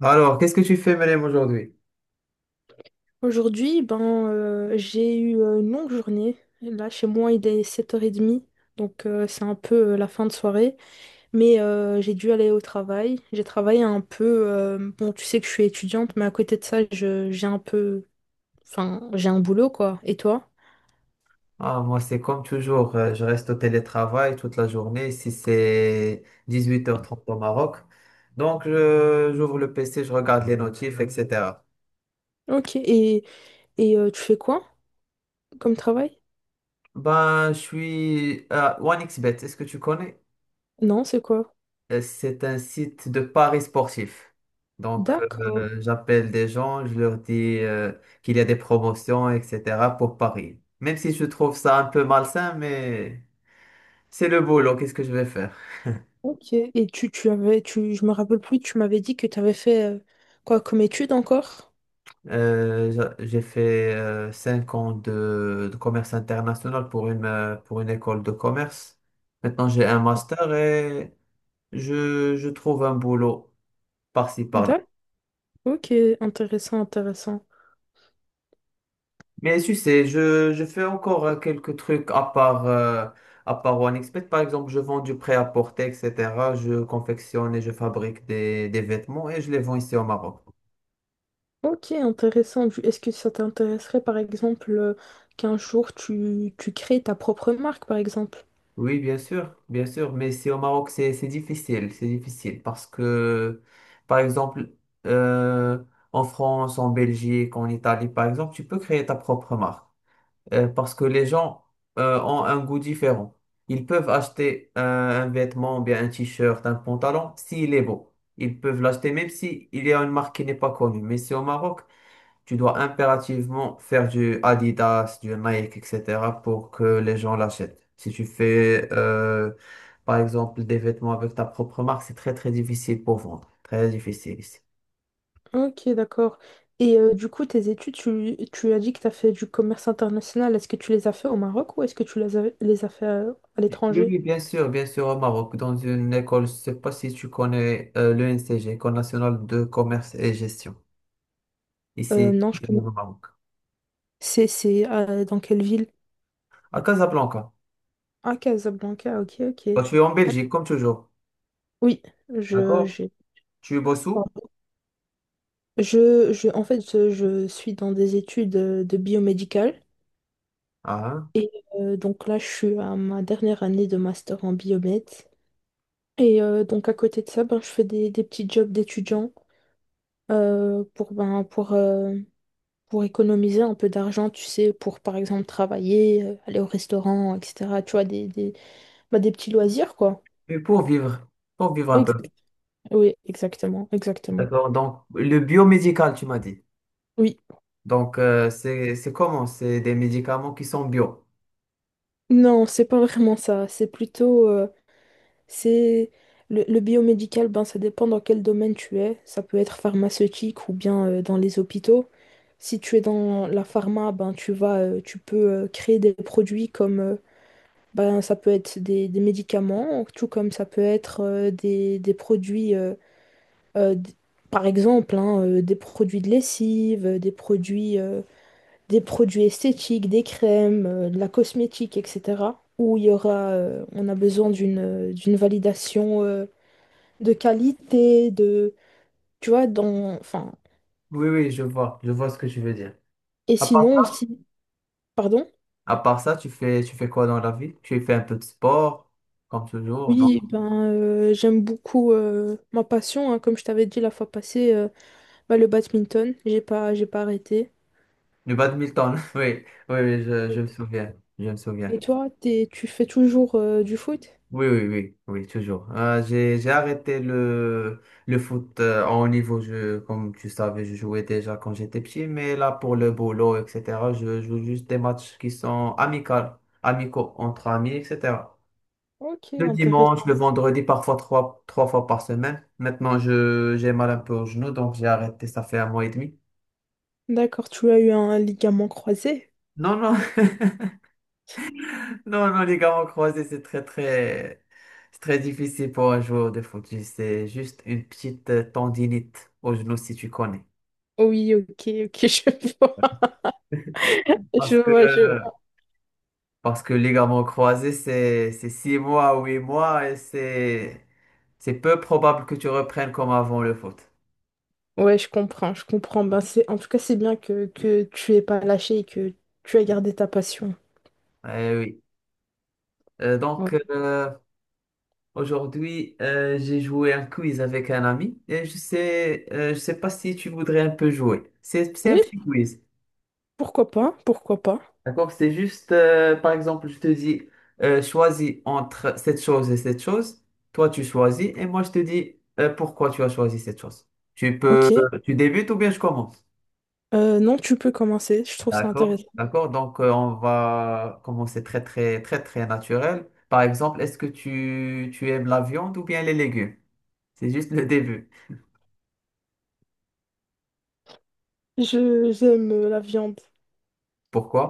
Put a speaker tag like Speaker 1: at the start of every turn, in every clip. Speaker 1: Alors, qu'est-ce que tu fais, Mélème, aujourd'hui?
Speaker 2: Aujourd'hui, ben, j'ai eu une longue journée. Là, chez moi, il est 7h30, donc c'est un peu la fin de soirée. Mais j'ai dû aller au travail. J'ai travaillé un peu. Bon, tu sais que je suis étudiante, mais à côté de ça, j'ai un peu. Enfin, j'ai un boulot, quoi. Et toi?
Speaker 1: Ah, moi, c'est comme toujours, je reste au télétravail toute la journée, ici c'est 18h30 au Maroc. Donc, j'ouvre le PC, je regarde les notifs, etc.
Speaker 2: Ok. Et tu fais quoi comme travail?
Speaker 1: Ben, je suis à OneXBet, est-ce que tu connais?
Speaker 2: Non, c'est quoi?
Speaker 1: C'est un site de paris sportifs. Donc,
Speaker 2: D'accord.
Speaker 1: j'appelle des gens, je leur dis qu'il y a des promotions, etc. pour Paris. Même si je trouve ça un peu malsain, mais c'est le boulot, qu'est-ce que je vais faire?
Speaker 2: Ok. Et tu avais. Je me rappelle plus, tu m'avais dit que tu avais fait quoi comme étude encore?
Speaker 1: J'ai fait 5 ans de commerce international pour une école de commerce. Maintenant, j'ai un master et je trouve un boulot par-ci, par-là.
Speaker 2: Ok, intéressant, intéressant.
Speaker 1: Mais tu sais, je fais encore quelques trucs à part OneXpert. Par exemple, je vends du prêt-à-porter, etc. Je confectionne et je fabrique des vêtements et je les vends ici au Maroc.
Speaker 2: Ok, intéressant. Est-ce que ça t'intéresserait, par exemple, qu'un jour tu crées ta propre marque, par exemple?
Speaker 1: Oui, bien sûr, mais c'est au Maroc, c'est difficile, c'est difficile parce que, par exemple, euh, en France, en Belgique, en Italie, par exemple, tu peux créer ta propre marque parce que les gens ont un goût différent. Ils peuvent acheter un vêtement, bien un t-shirt, un pantalon, s'il est beau. Ils peuvent l'acheter même si il y a une marque qui n'est pas connue. Mais c'est au Maroc, tu dois impérativement faire du Adidas, du Nike, etc. pour que les gens l'achètent. Si tu fais, par exemple, des vêtements avec ta propre marque, c'est très, très difficile pour vendre. Très difficile ici.
Speaker 2: Ok, d'accord. Et du coup, tes études, tu as dit que tu as fait du commerce international. Est-ce que tu les as fait au Maroc ou est-ce que tu les as fait à
Speaker 1: Oui,
Speaker 2: l'étranger?
Speaker 1: oui, bien sûr, au Maroc, dans une école, je sais pas si tu connais l'ENCG, École nationale de commerce et gestion, ici
Speaker 2: Non, je
Speaker 1: au
Speaker 2: connais.
Speaker 1: Maroc.
Speaker 2: C'est dans quelle ville?
Speaker 1: À Casablanca.
Speaker 2: Ah, Casablanca, ok,
Speaker 1: Toi,
Speaker 2: ok.
Speaker 1: tu es en Belgique, comme toujours.
Speaker 2: Oui,
Speaker 1: D'accord?
Speaker 2: j'ai.
Speaker 1: Tu es où?
Speaker 2: En fait, je suis dans des études de biomédical.
Speaker 1: Ah, hein.
Speaker 2: Donc là, je suis à ma dernière année de master en biomed. Et donc à côté de ça, ben, je fais des petits jobs d'étudiant pour, ben, pour économiser un peu d'argent, tu sais, pour par exemple travailler, aller au restaurant, etc. Tu vois, ben, des petits loisirs, quoi.
Speaker 1: Et pour vivre un peu.
Speaker 2: Exact. Oui, exactement, exactement.
Speaker 1: D'accord. Donc, le biomédical, tu m'as dit.
Speaker 2: Oui.
Speaker 1: Donc, c'est comment? C'est des médicaments qui sont bio.
Speaker 2: Non, c'est pas vraiment ça. C'est le biomédical, ben ça dépend dans quel domaine tu es. Ça peut être pharmaceutique ou bien dans les hôpitaux. Si tu es dans la pharma, ben tu peux créer des produits comme ben ça peut être des médicaments, tout comme ça peut être des produits, euh, d- par exemple, hein, des produits de lessive, des produits esthétiques, des crèmes, de la cosmétique, etc. Où il y aura, on a besoin d'une validation de qualité, tu vois, enfin,
Speaker 1: Oui, oui, je vois. Je vois ce que tu veux dire.
Speaker 2: et
Speaker 1: À part
Speaker 2: sinon
Speaker 1: ça,
Speaker 2: aussi. Pardon,
Speaker 1: à part ça, tu fais quoi dans la vie? Tu fais un peu de sport, comme toujours, non?
Speaker 2: oui, ben, j'aime beaucoup ma passion, hein, comme je t'avais dit la fois passée, bah, le badminton, j'ai pas arrêté.
Speaker 1: Le badminton. Oui, oui, oui, je me souviens. Je me souviens.
Speaker 2: Et toi, tu fais toujours du foot?
Speaker 1: Oui, oui, oui, oui, toujours. J'ai arrêté le foot en haut niveau. Je, comme tu savais, je jouais déjà quand j'étais petit, mais là, pour le boulot, etc., je joue juste des matchs qui sont amicaux, amicaux entre amis, etc.
Speaker 2: Ok,
Speaker 1: Le dimanche, le
Speaker 2: intéressant.
Speaker 1: vendredi, parfois trois fois par semaine. Maintenant, j'ai mal un peu au genou, donc j'ai arrêté, ça fait un mois et demi.
Speaker 2: D'accord, tu as eu un ligament croisé?
Speaker 1: Non, non, Non, non, les gammes croisés, c'est très, très, c'est très difficile pour un joueur de foot. C'est juste une petite tendinite au genou, si tu connais.
Speaker 2: Oui, ok, ok, je vois. Je
Speaker 1: Parce que,
Speaker 2: vois, je vois.
Speaker 1: parce que les gammes croisés, c'est 6 mois, 8 mois, et c'est peu probable que tu reprennes comme avant le foot.
Speaker 2: Ouais, je comprends, je comprends. Ben, en tout cas, c'est bien que tu aies pas lâché et que tu as gardé ta passion.
Speaker 1: Eh oui. Euh,
Speaker 2: Ouais.
Speaker 1: donc, euh, Aujourd'hui, j'ai joué un quiz avec un ami, et je sais pas si tu voudrais un peu jouer. C'est un
Speaker 2: Oui,
Speaker 1: petit quiz.
Speaker 2: pourquoi pas? Pourquoi pas?
Speaker 1: D'accord? C'est juste, par exemple, je te dis, choisis entre cette chose et cette chose. Toi, tu choisis et moi, je te dis, pourquoi tu as choisi cette chose. Tu peux,
Speaker 2: Ok.
Speaker 1: tu débutes ou bien je commence.
Speaker 2: Non, tu peux commencer. Je trouve ça
Speaker 1: D'accord?
Speaker 2: intéressant.
Speaker 1: D'accord? Donc, on va commencer très, très, très, très naturel. Par exemple, est-ce que tu aimes la viande ou bien les légumes? C'est juste le début.
Speaker 2: Je j'aime la viande.
Speaker 1: Pourquoi?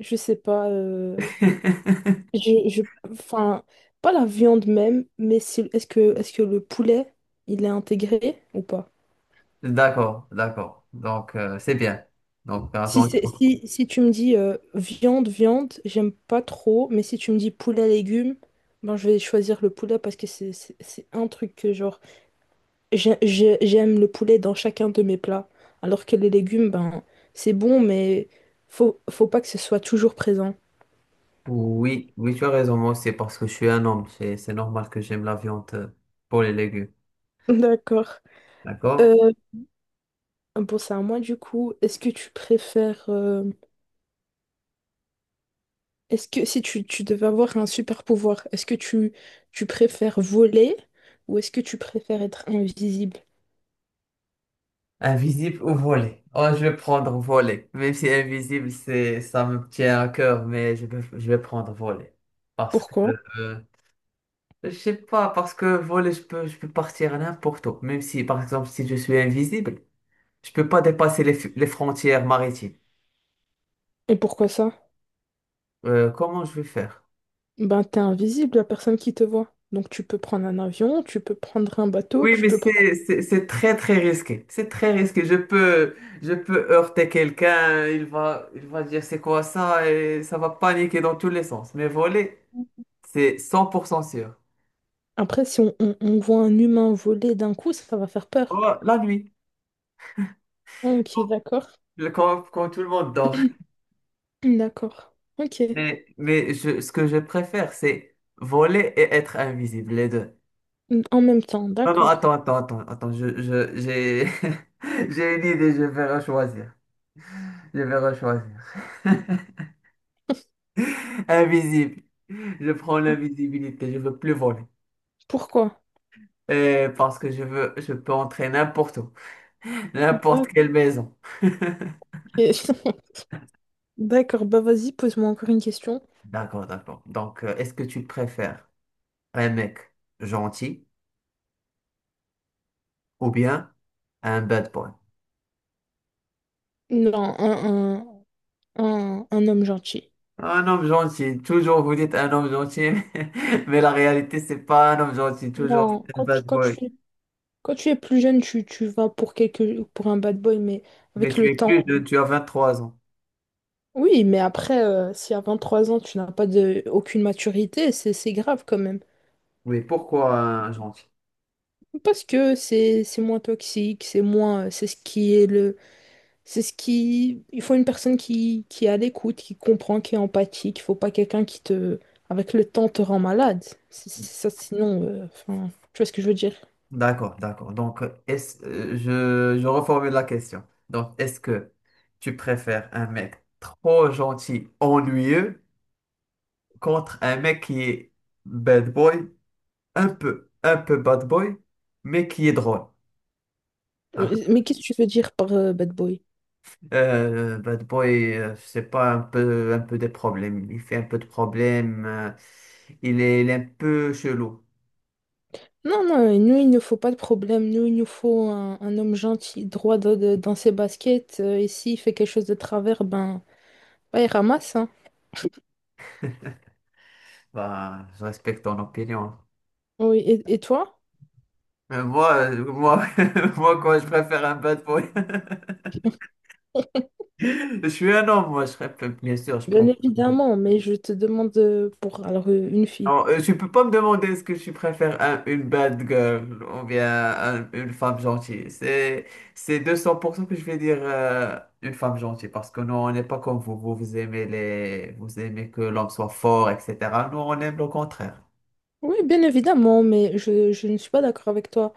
Speaker 2: Je sais pas. Je, je, enfin, pas la viande même, mais est-ce que le poulet il est intégré ou pas?
Speaker 1: D'accord, d'accord. Donc, c'est bien. Donc,
Speaker 2: Si
Speaker 1: attends.
Speaker 2: c'est si, si tu me dis viande viande, j'aime pas trop. Mais si tu me dis poulet légumes, ben je vais choisir le poulet parce que c'est un truc que genre j'aime le poulet dans chacun de mes plats, alors que les légumes, ben, c'est bon, mais faut pas que ce soit toujours présent.
Speaker 1: Oui, oui, tu as raison, moi aussi, parce que je suis un homme, c'est normal que j'aime la viande pour les légumes,
Speaker 2: D'accord.
Speaker 1: d'accord?
Speaker 2: Euh, bon, c'est à moi du coup. Est-ce que si tu devais avoir un super pouvoir, est-ce que tu préfères voler ou est-ce que tu préfères être invisible?
Speaker 1: Invisible ou volé? Oh, je vais prendre volé, même si invisible, ça me tient à cœur, mais je vais prendre volé, parce que,
Speaker 2: Pourquoi?
Speaker 1: euh, je sais pas, parce que volé, je peux partir à n'importe où, même si, par exemple, si je suis invisible, je peux pas dépasser les frontières maritimes.
Speaker 2: Et pourquoi ça?
Speaker 1: Comment je vais faire?
Speaker 2: Ben, t'es invisible, la personne qui te voit. Donc tu peux prendre un avion, tu peux prendre un bateau,
Speaker 1: Oui,
Speaker 2: tu
Speaker 1: mais
Speaker 2: peux prendre.
Speaker 1: c'est très très risqué. C'est très risqué. Je peux heurter quelqu'un, il va dire c'est quoi ça et ça va paniquer dans tous les sens. Mais voler, c'est 100% sûr.
Speaker 2: Après, si on voit un humain voler d'un coup, ça va faire peur.
Speaker 1: Oh, la nuit,
Speaker 2: Ok, d'accord.
Speaker 1: quand tout le monde dort.
Speaker 2: D'accord. Ok.
Speaker 1: Ce que je préfère, c'est voler et être invisible, les deux.
Speaker 2: En même temps,
Speaker 1: Non non,
Speaker 2: d'accord.
Speaker 1: attends, je j'ai j'ai une idée, je vais rechoisir. Je vais rechoisir. Invisible. Je prends l'invisibilité, je veux plus voler.
Speaker 2: Pourquoi?
Speaker 1: Parce que je peux entrer n'importe où, n'importe
Speaker 2: Ok.
Speaker 1: quelle maison.
Speaker 2: D'accord, bah vas-y, pose-moi encore une question.
Speaker 1: D'accord, d'accord. Donc, est-ce que tu préfères un mec gentil ou bien un bad boy?
Speaker 2: Non, un, un, un homme gentil.
Speaker 1: Un homme gentil. Toujours vous dites un homme gentil, mais la réalité, c'est pas un homme gentil. Toujours
Speaker 2: Non,
Speaker 1: c'est un bad boy.
Speaker 2: quand tu es plus jeune, tu vas pour un bad boy, mais
Speaker 1: Mais
Speaker 2: avec le
Speaker 1: tu es
Speaker 2: temps.
Speaker 1: plus jeune, tu as 23 ans.
Speaker 2: Oui, mais après, si à 23 ans, tu n'as pas aucune maturité, c'est grave quand même.
Speaker 1: Oui, pourquoi un gentil?
Speaker 2: Parce que c'est moins toxique, c'est moins c'est ce qui est le c'est ce qui il faut une personne qui est à l'écoute, qui comprend, qui est empathique, il faut pas quelqu'un qui te avec le temps te rend malade. C'est ça sinon enfin tu vois ce que je veux dire.
Speaker 1: D'accord, d'accord. Donc, je reformule la question. Donc, est-ce que tu préfères un mec trop gentil, ennuyeux, contre un mec qui est bad boy, un peu bad boy, mais qui est drôle? Ah,
Speaker 2: Mais qu'est-ce que tu veux dire par bad boy?
Speaker 1: bad boy, je pas, un peu des problèmes. Il fait un peu de problèmes. Il est un peu chelou.
Speaker 2: Non non, nous il ne faut pas de problème, nous il nous faut un homme gentil, droit dans ses baskets et s'il fait quelque chose de travers ben bah, il ramasse hein.
Speaker 1: Bah, je respecte ton opinion.
Speaker 2: Oui, et toi?
Speaker 1: Mais moi, moi, quoi, je préfère un bad boy. Je suis un homme, moi, je préfère, bien sûr, je
Speaker 2: Bien
Speaker 1: préfère.
Speaker 2: évidemment, mais je te demande pour alors une fille.
Speaker 1: Non, tu peux pas me demander est-ce que je préfère une bad girl ou bien une femme gentille. C'est 200% que je vais dire une femme gentille parce que nous, on n'est pas comme vous. Vous, vous aimez que l'homme soit fort, etc. Nous, on aime le contraire.
Speaker 2: Oui, bien évidemment, mais je ne suis pas d'accord avec toi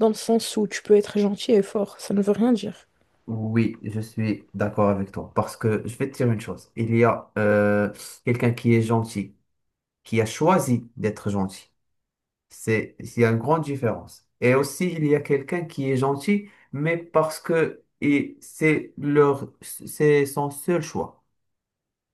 Speaker 2: dans le sens où tu peux être gentil et fort, ça ne veut rien dire.
Speaker 1: Oui, je suis d'accord avec toi parce que je vais te dire une chose. Il y a quelqu'un qui est gentil, qui a choisi d'être gentil. Il y a une grande différence. Et aussi, il y a quelqu'un qui est gentil, mais parce que et c'est son seul choix.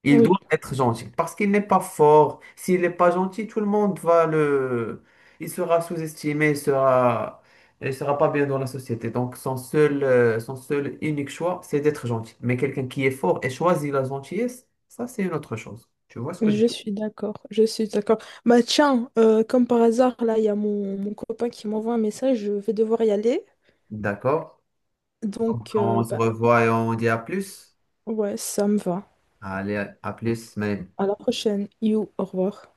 Speaker 1: Il
Speaker 2: Oui,
Speaker 1: doit être gentil parce qu'il n'est pas fort. S'il n'est pas gentil, tout le monde va le, il sera sous-estimé, il sera pas bien dans la société. Donc, son seul unique choix, c'est d'être gentil. Mais quelqu'un qui est fort et choisit la gentillesse, ça, c'est une autre chose. Tu vois ce que je...
Speaker 2: je suis d'accord, je suis d'accord. Bah tiens, comme par hasard, là, il y a mon copain qui m'envoie un message, je vais devoir y aller.
Speaker 1: D'accord. Donc,
Speaker 2: Donc,
Speaker 1: on se
Speaker 2: bah,
Speaker 1: revoit et on dit à plus.
Speaker 2: ouais, ça me va.
Speaker 1: Allez, à plus, Maël.
Speaker 2: À la prochaine. You, au revoir.